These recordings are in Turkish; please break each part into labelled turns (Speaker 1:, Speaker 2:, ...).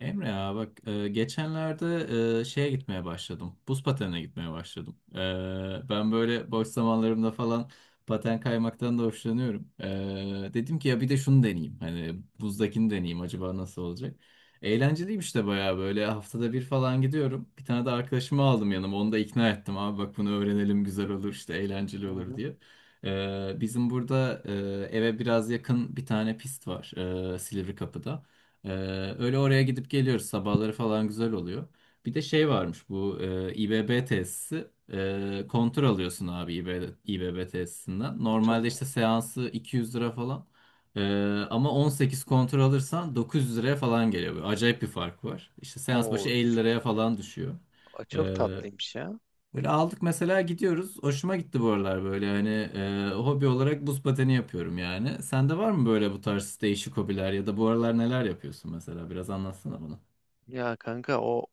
Speaker 1: Emre ya bak, geçenlerde şeye gitmeye başladım. Buz patenine gitmeye başladım. Ben böyle boş zamanlarımda falan paten kaymaktan da hoşlanıyorum. Dedim ki ya bir de şunu deneyeyim. Hani buzdakini deneyeyim, acaba nasıl olacak? Eğlenceliymiş de, bayağı böyle haftada bir falan gidiyorum. Bir tane de arkadaşımı aldım yanıma, onu da ikna ettim. Abi bak bunu öğrenelim, güzel olur işte, eğlenceli
Speaker 2: Hı
Speaker 1: olur
Speaker 2: hı,
Speaker 1: diye. Bizim burada eve biraz yakın bir tane pist var, Silivri Kapı'da. Ee, Öyle oraya gidip geliyoruz. Sabahları falan güzel oluyor. Bir de şey varmış, bu İBB tesisi. Kontör alıyorsun abi İBB tesisinden. Normalde işte
Speaker 2: tamam.
Speaker 1: seansı 200 lira falan. E, Ama 18 kontör alırsan 900 liraya falan geliyor. Böyle acayip bir fark var. İşte seans başı
Speaker 2: Oo,
Speaker 1: 50
Speaker 2: çok,
Speaker 1: liraya falan düşüyor. E,
Speaker 2: çok tatlıymış ya.
Speaker 1: Böyle aldık, mesela gidiyoruz. Hoşuma gitti bu aralar, böyle hani hobi olarak buz pateni yapıyorum yani. Sende var mı böyle bu tarz değişik hobiler, ya da bu aralar neler yapıyorsun mesela? Biraz anlatsana bana.
Speaker 2: Ya kanka, o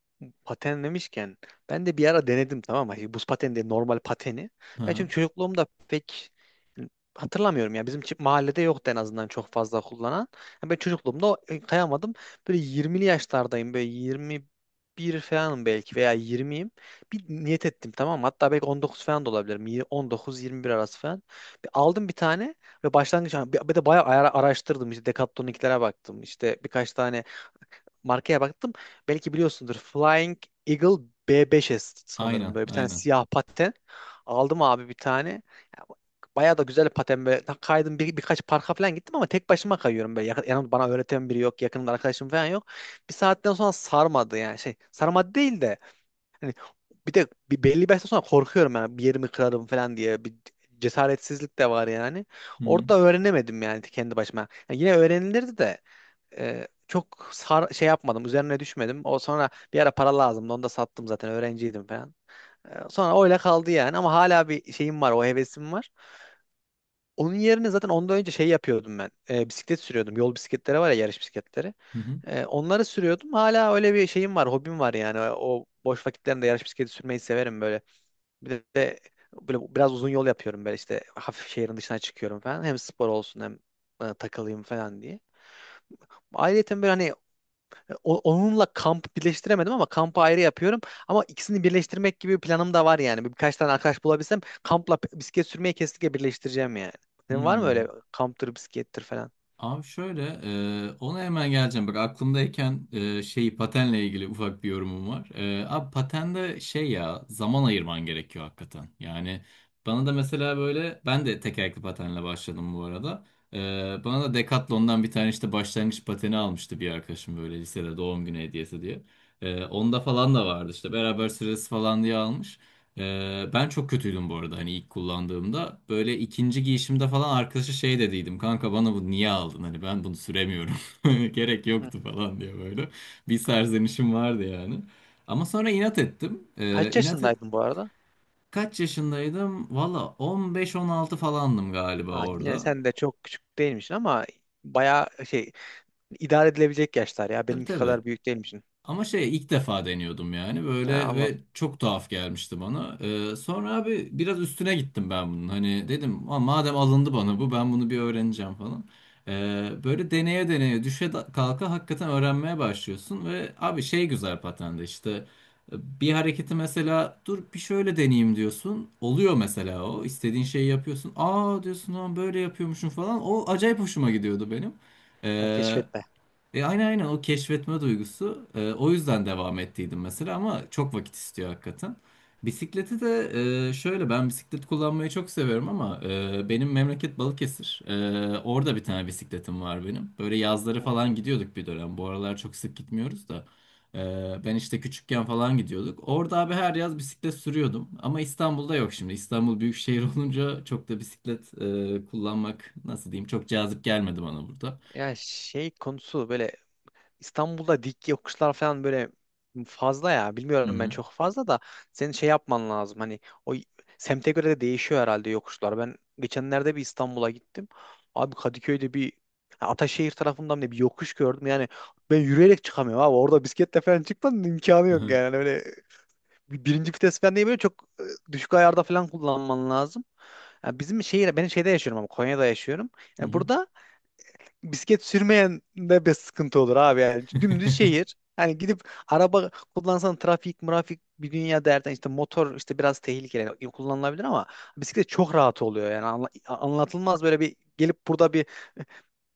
Speaker 2: paten demişken, ben de bir ara denedim, tamam mı? Hani buz pateni değil, normal pateni.
Speaker 1: Hı
Speaker 2: Ben
Speaker 1: hı.
Speaker 2: çünkü çocukluğumda pek, hani hatırlamıyorum ya. Bizim mahallede yoktu, en azından çok fazla kullanan. Yani ben çocukluğumda kayamadım. Böyle 20'li yaşlardayım, böyle 21 falanım belki veya 20'yim. Bir niyet ettim, tamam mı? Hatta belki 19 falan da olabilirim. 19-21 arası falan. Bir aldım bir tane, ve başlangıç bir de bayağı araştırdım. İşte Decathlon'unkilere baktım. İşte birkaç tane markaya baktım. Belki biliyorsundur. Flying Eagle b 5 sanırım.
Speaker 1: Aynen,
Speaker 2: Böyle bir tane
Speaker 1: aynen.
Speaker 2: siyah paten. Aldım abi bir tane. Ya, bayağı da güzel paten böyle. Kaydım, birkaç parka falan gittim ama tek başıma kayıyorum böyle. Yanımda bana öğreten biri yok. Yakınımda arkadaşım falan yok. Bir saatten sonra sarmadı yani, şey. Sarmadı değil de. Hani bir de bir belli bir yaştan sonra korkuyorum yani. Bir yerimi kırarım falan diye. Bir cesaretsizlik de var yani.
Speaker 1: Hı hı.
Speaker 2: Orada öğrenemedim yani, kendi başıma. Yani yine öğrenilirdi de şey yapmadım. Üzerine düşmedim. O sonra bir ara para lazımdı. Onu da sattım zaten. Öğrenciydim falan. Sonra öyle kaldı yani. Ama hala bir şeyim var. O hevesim var. Onun yerine zaten ondan önce şey yapıyordum ben. Bisiklet sürüyordum. Yol bisikletleri var ya, yarış bisikletleri.
Speaker 1: Hı hı.
Speaker 2: Onları sürüyordum. Hala öyle bir şeyim var. Hobim var yani. O boş vakitlerimde yarış bisikleti sürmeyi severim böyle. Bir de böyle biraz uzun yol yapıyorum böyle, işte hafif şehrin dışına çıkıyorum falan. Hem spor olsun, hem takılayım falan diye. Ayrıca böyle hani onunla kamp birleştiremedim ama kampı ayrı yapıyorum. Ama ikisini birleştirmek gibi bir planım da var yani. Birkaç tane arkadaş bulabilsem, kampla bisiklet sürmeyi kesinlikle birleştireceğim yani. Senin var mı
Speaker 1: Hı.
Speaker 2: öyle kamptır, bisiklettir falan?
Speaker 1: Abi şöyle, ona hemen geleceğim. Bak aklımdayken şeyi, patenle ilgili ufak bir yorumum var. Abi patende şey ya, zaman ayırman gerekiyor hakikaten. Yani bana da mesela böyle, ben de tekerlekli patenle başladım bu arada. E, Bana da Decathlon'dan bir tane işte başlangıç pateni almıştı bir arkadaşım, böyle lisede doğum günü hediyesi diye. Onda falan da vardı işte, beraber sırası falan diye almış. Ben çok kötüydüm bu arada, hani ilk kullandığımda. Böyle ikinci giyişimde falan arkadaşa şey dediydim. Kanka bana bu niye aldın? Hani ben bunu süremiyorum. Gerek
Speaker 2: Hı.
Speaker 1: yoktu falan diye böyle. Bir serzenişim vardı yani. Ama sonra inat ettim.
Speaker 2: Kaç
Speaker 1: İnat et,
Speaker 2: yaşındaydın bu arada?
Speaker 1: kaç yaşındaydım? Valla 15-16 falandım galiba
Speaker 2: Ha, yine
Speaker 1: orada.
Speaker 2: sen de çok küçük değilmişsin, ama bayağı şey, idare edilebilecek yaşlar ya.
Speaker 1: Tabii
Speaker 2: Benimki
Speaker 1: tabii.
Speaker 2: kadar büyük değilmişsin.
Speaker 1: Ama şey, ilk defa deniyordum yani
Speaker 2: Ha,
Speaker 1: böyle,
Speaker 2: anladım.
Speaker 1: ve çok tuhaf gelmişti bana. Sonra abi biraz üstüne gittim ben bunun. Hani dedim "Aa, madem alındı bana bu, ben bunu bir öğreneceğim falan. Böyle deneye deneye, düşe da- kalka hakikaten öğrenmeye başlıyorsun ve abi şey, güzel patende işte e, bir hareketi mesela, dur bir şöyle deneyeyim diyorsun. Oluyor mesela, o istediğin şeyi yapıyorsun. Aa diyorsun, lan böyle yapıyormuşum falan. O acayip hoşuma gidiyordu benim.
Speaker 2: Ha,
Speaker 1: Ee,
Speaker 2: keşfetme.
Speaker 1: aynen aynen, o keşfetme duygusu. O yüzden devam ettiydim mesela, ama çok vakit istiyor hakikaten. Bisikleti de şöyle, ben bisiklet kullanmayı çok seviyorum ama benim memleket Balıkesir. Orada bir tane bisikletim var benim. Böyle yazları
Speaker 2: Hı hı.
Speaker 1: falan gidiyorduk bir dönem. Bu aralar çok sık gitmiyoruz da. Ben işte küçükken falan gidiyorduk. Orada abi her yaz bisiklet sürüyordum. Ama İstanbul'da yok şimdi. İstanbul büyük şehir olunca, çok da bisiklet kullanmak, nasıl diyeyim, çok cazip gelmedi bana burada.
Speaker 2: Ya, şey konusu böyle, İstanbul'da dik yokuşlar falan böyle fazla ya.
Speaker 1: Hı
Speaker 2: Bilmiyorum, ben
Speaker 1: hı.
Speaker 2: çok fazla da, senin şey yapman lazım. Hani o y- semte göre de değişiyor herhalde yokuşlar. Ben geçenlerde bir İstanbul'a gittim. Abi Kadıköy'de bir, ha, Ataşehir tarafından da bir yokuş gördüm. Yani ben yürüyerek çıkamıyorum abi. Orada bisikletle falan çıkmanın imkanı
Speaker 1: Hı
Speaker 2: yok
Speaker 1: hı.
Speaker 2: yani. Öyle birinci vites falan değil, böyle çok düşük ayarda falan kullanman lazım. Yani bizim şehir, ben şeyde yaşıyorum ama, Konya'da yaşıyorum.
Speaker 1: Hı
Speaker 2: Yani
Speaker 1: hı.
Speaker 2: burada bisiklet sürmeyen de bir sıkıntı olur abi yani. Dümdüz şehir. Yani gidip araba kullansan trafik, murafik bir dünya derden, işte motor işte biraz tehlikeli kullanılabilir ama bisiklet çok rahat oluyor yani. Anlatılmaz, böyle bir gelip burada bir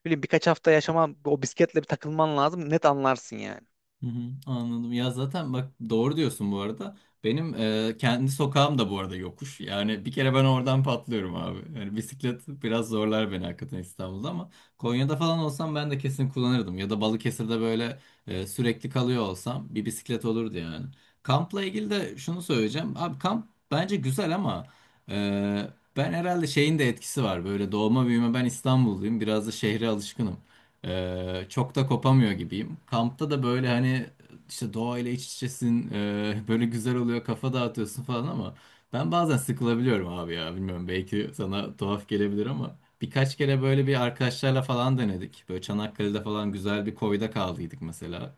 Speaker 2: bileyim birkaç hafta yaşaman, o bisikletle bir takılman lazım, net anlarsın yani.
Speaker 1: Hı hı, anladım. Ya zaten bak doğru diyorsun bu arada. Benim kendi sokağım da bu arada yokuş. Yani bir kere ben oradan patlıyorum abi. Yani bisiklet biraz zorlar beni hakikaten İstanbul'da, ama Konya'da falan olsam ben de kesin kullanırdım. Ya da Balıkesir'de böyle sürekli kalıyor olsam, bir bisiklet olurdu yani. Kampla ilgili de şunu söyleyeceğim. Abi kamp bence güzel, ama e, ben herhalde şeyin de etkisi var. Böyle doğma büyüme ben İstanbulluyum. Biraz da şehre alışkınım. Çok da kopamıyor gibiyim. Kampta da böyle hani, işte doğayla iç içesin, böyle güzel oluyor, kafa dağıtıyorsun falan, ama ben bazen sıkılabiliyorum abi ya. Bilmiyorum, belki sana tuhaf gelebilir, ama birkaç kere böyle bir arkadaşlarla falan denedik. Böyle Çanakkale'de falan güzel bir koyda kaldıydık mesela,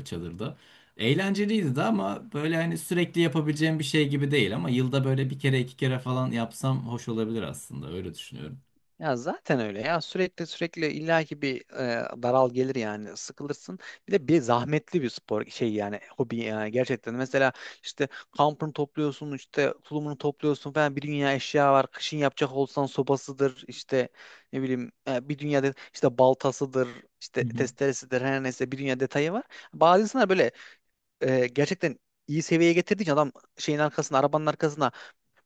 Speaker 1: çadırda. Eğlenceliydi de, ama böyle hani sürekli yapabileceğim bir şey gibi değil, ama yılda böyle bir kere iki kere falan yapsam hoş olabilir aslında, öyle düşünüyorum.
Speaker 2: Ya zaten öyle ya, sürekli sürekli illaki bir daral gelir yani, sıkılırsın. Bir de bir zahmetli bir spor şey yani, hobi yani, gerçekten. Mesela işte kampını topluyorsun, işte tulumunu topluyorsun falan, bir dünya eşya var. Kışın yapacak olsan sobasıdır, işte ne bileyim, bir dünya işte baltasıdır, işte testeresidir, her neyse, bir dünya detayı var. Bazı insanlar böyle gerçekten iyi seviyeye getirdiği için adam, şeyin arkasına, arabanın arkasına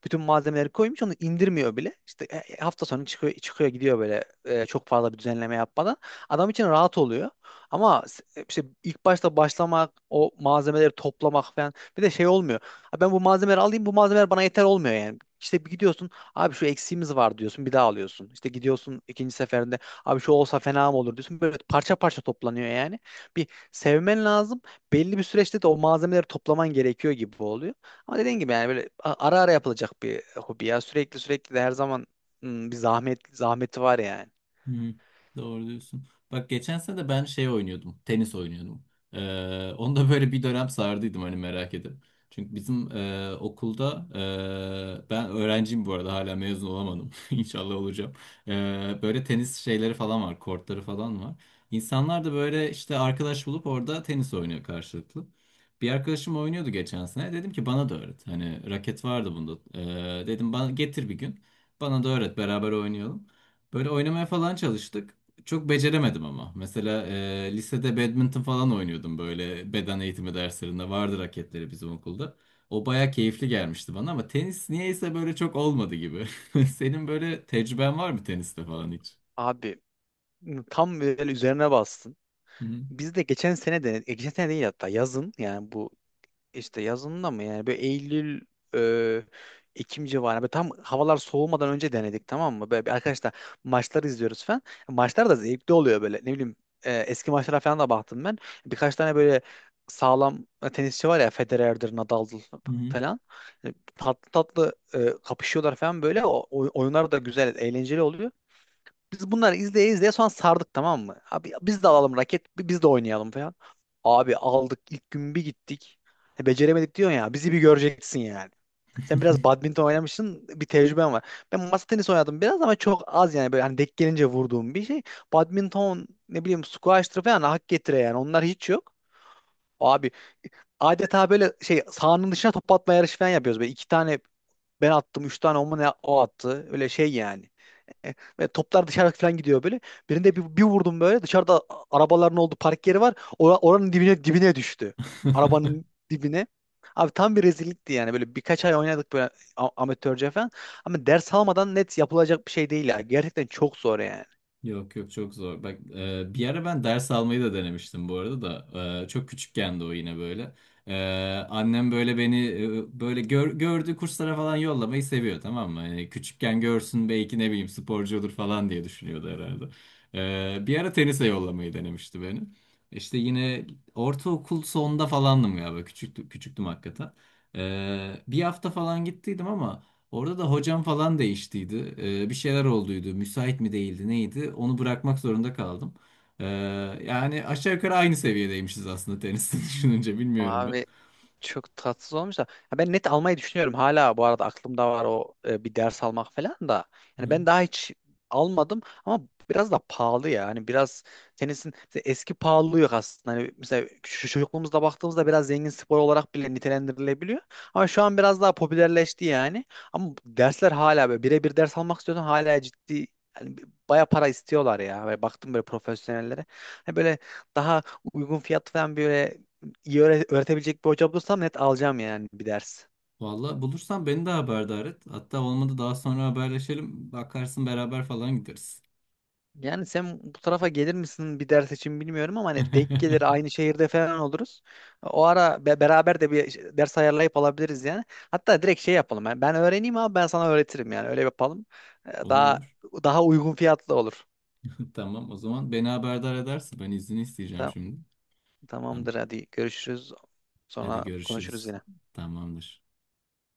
Speaker 2: bütün malzemeleri koymuş, onu indirmiyor bile. İşte hafta sonu çıkıyor gidiyor böyle, çok fazla bir düzenleme yapmadan. Adam için rahat oluyor. Ama işte ilk başta başlamak, o malzemeleri toplamak falan, bir de şey olmuyor. Ha, ben bu malzemeleri alayım, bu malzemeler bana yeter, olmuyor yani. İşte bir gidiyorsun abi, şu eksiğimiz var diyorsun, bir daha alıyorsun. İşte gidiyorsun ikinci seferinde abi, şu olsa fena mı olur diyorsun. Böyle parça parça toplanıyor yani. Bir sevmen lazım. Belli bir süreçte de o malzemeleri toplaman gerekiyor gibi oluyor. Ama dediğin gibi yani, böyle ara ara yapılacak bir hobi ya. Sürekli sürekli de her zaman bir zahmet zahmeti var yani.
Speaker 1: Hı, doğru diyorsun. Bak geçen sene de ben şey oynuyordum. Tenis oynuyordum. Onu da böyle bir dönem sardıydım, hani merak edip. Çünkü bizim okulda ben öğrenciyim bu arada, hala mezun olamadım. İnşallah olacağım. Böyle tenis şeyleri falan var. Kortları falan var. İnsanlar da böyle işte arkadaş bulup orada tenis oynuyor karşılıklı. Bir arkadaşım oynuyordu geçen sene. Dedim ki bana da öğret. Hani raket vardı bunda. Dedim bana getir bir gün. Bana da öğret, beraber oynayalım. Böyle oynamaya falan çalıştık. Çok beceremedim ama. Mesela lisede badminton falan oynuyordum böyle, beden eğitimi derslerinde. Vardı raketleri bizim okulda. O baya keyifli gelmişti bana, ama tenis niyeyse böyle çok olmadı gibi. Senin böyle tecrüben var mı teniste falan hiç?
Speaker 2: Abi tam böyle üzerine bastın.
Speaker 1: Hı hı.
Speaker 2: Biz de geçen sene de geçen sene değil hatta, yazın yani, bu İşte yazında mı yani, böyle Eylül, e, Ekim civarı, böyle tam havalar soğumadan önce denedik, tamam mı? Böyle bir arkadaşlar, maçları izliyoruz falan. Maçlar da zevkli oluyor, böyle ne bileyim, eski maçlara falan da baktım ben. Birkaç tane böyle sağlam tenisçi var ya, Federer'dir, Nadal'dır
Speaker 1: Hı
Speaker 2: falan. Yani tatlı tatlı kapışıyorlar falan böyle. Oyunlar da güzel, eğlenceli oluyor. Biz bunları izleye izleye sonra sardık, tamam mı? Abi biz de alalım raket, biz de oynayalım falan. Abi aldık ilk gün bir gittik. Beceremedik diyorsun ya. Bizi bir göreceksin yani. Sen biraz badminton oynamışsın, bir tecrüben var. Ben masa tenisi oynadım biraz ama çok az yani, böyle hani denk gelince vurduğum bir şey. Badminton ne bileyim, squash'tır falan hak getire yani. Onlar hiç yok. Abi adeta böyle, şey, sahanın dışına top atma yarışı falan yapıyoruz. Böyle iki tane ben attım, üç tane o mu ne o attı. Öyle şey yani. E, Ve toplar dışarı falan gidiyor böyle. Birinde bir vurdum böyle. Dışarıda arabaların olduğu park yeri var. Oranın dibine dibine düştü.
Speaker 1: hı.
Speaker 2: Arabanın dibine. Abi tam bir rezillikti yani. Böyle birkaç ay oynadık böyle, amatörce falan. Ama ders almadan net yapılacak bir şey değil ya. Gerçekten çok zor yani.
Speaker 1: Yok yok, çok zor. Bak bir ara ben ders almayı da denemiştim bu arada da. Çok küçükken de o yine böyle. E, Annem böyle beni böyle gördüğü kurslara falan yollamayı seviyor tamam mı? Hani küçükken görsün, belki ne bileyim sporcu olur falan diye düşünüyordu herhalde. Bir ara tenise yollamayı denemişti beni. İşte yine ortaokul sonunda falandım galiba. Küçüktüm, küçüktüm hakikaten. Bir hafta falan gittiydim ama orada da hocam falan değiştiydi. Bir şeyler olduydu. Müsait mi değildi neydi? Onu bırakmak zorunda kaldım. Ee, Yani aşağı yukarı aynı seviyedeymişiz aslında teniste, düşününce bilmiyorum ben.
Speaker 2: Abi çok tatsız olmuş da. Ya ben net almayı düşünüyorum. Hala bu arada aklımda var o, bir ders almak falan da. Yani
Speaker 1: Hı.
Speaker 2: ben daha hiç almadım ama biraz da pahalı ya. Hani biraz, tenisin mesela eski pahalılığı yok aslında. Hani mesela şu çocukluğumuzda baktığımızda biraz zengin spor olarak bile nitelendirilebiliyor. Ama şu an biraz daha popülerleşti yani. Ama dersler hala böyle birebir ders almak istiyorsan hala ciddi yani, baya para istiyorlar ya. Böyle baktım böyle profesyonellere. Hani böyle daha uygun fiyat falan, böyle iyi öğretebilecek bir hoca bulursam net alacağım yani bir ders.
Speaker 1: Vallahi bulursan beni de haberdar et. Hatta olmadı daha sonra haberleşelim. Bakarsın beraber falan gideriz.
Speaker 2: Yani sen bu tarafa gelir misin bir ders için bilmiyorum ama hani denk gelir aynı şehirde falan oluruz. O ara beraber de bir ders ayarlayıp alabiliriz yani. Hatta direkt şey yapalım. Yani ben öğreneyim abi, ben sana öğretirim yani. Öyle yapalım. Ee,
Speaker 1: Olur
Speaker 2: Daha
Speaker 1: olur.
Speaker 2: daha uygun fiyatlı olur.
Speaker 1: Tamam o zaman, beni haberdar edersin. Ben izni isteyeceğim
Speaker 2: Ta-
Speaker 1: şimdi. Tamam.
Speaker 2: Tamamdır, hadi görüşürüz.
Speaker 1: Hadi
Speaker 2: Sonra konuşuruz
Speaker 1: görüşürüz.
Speaker 2: yine.
Speaker 1: Tamamdır.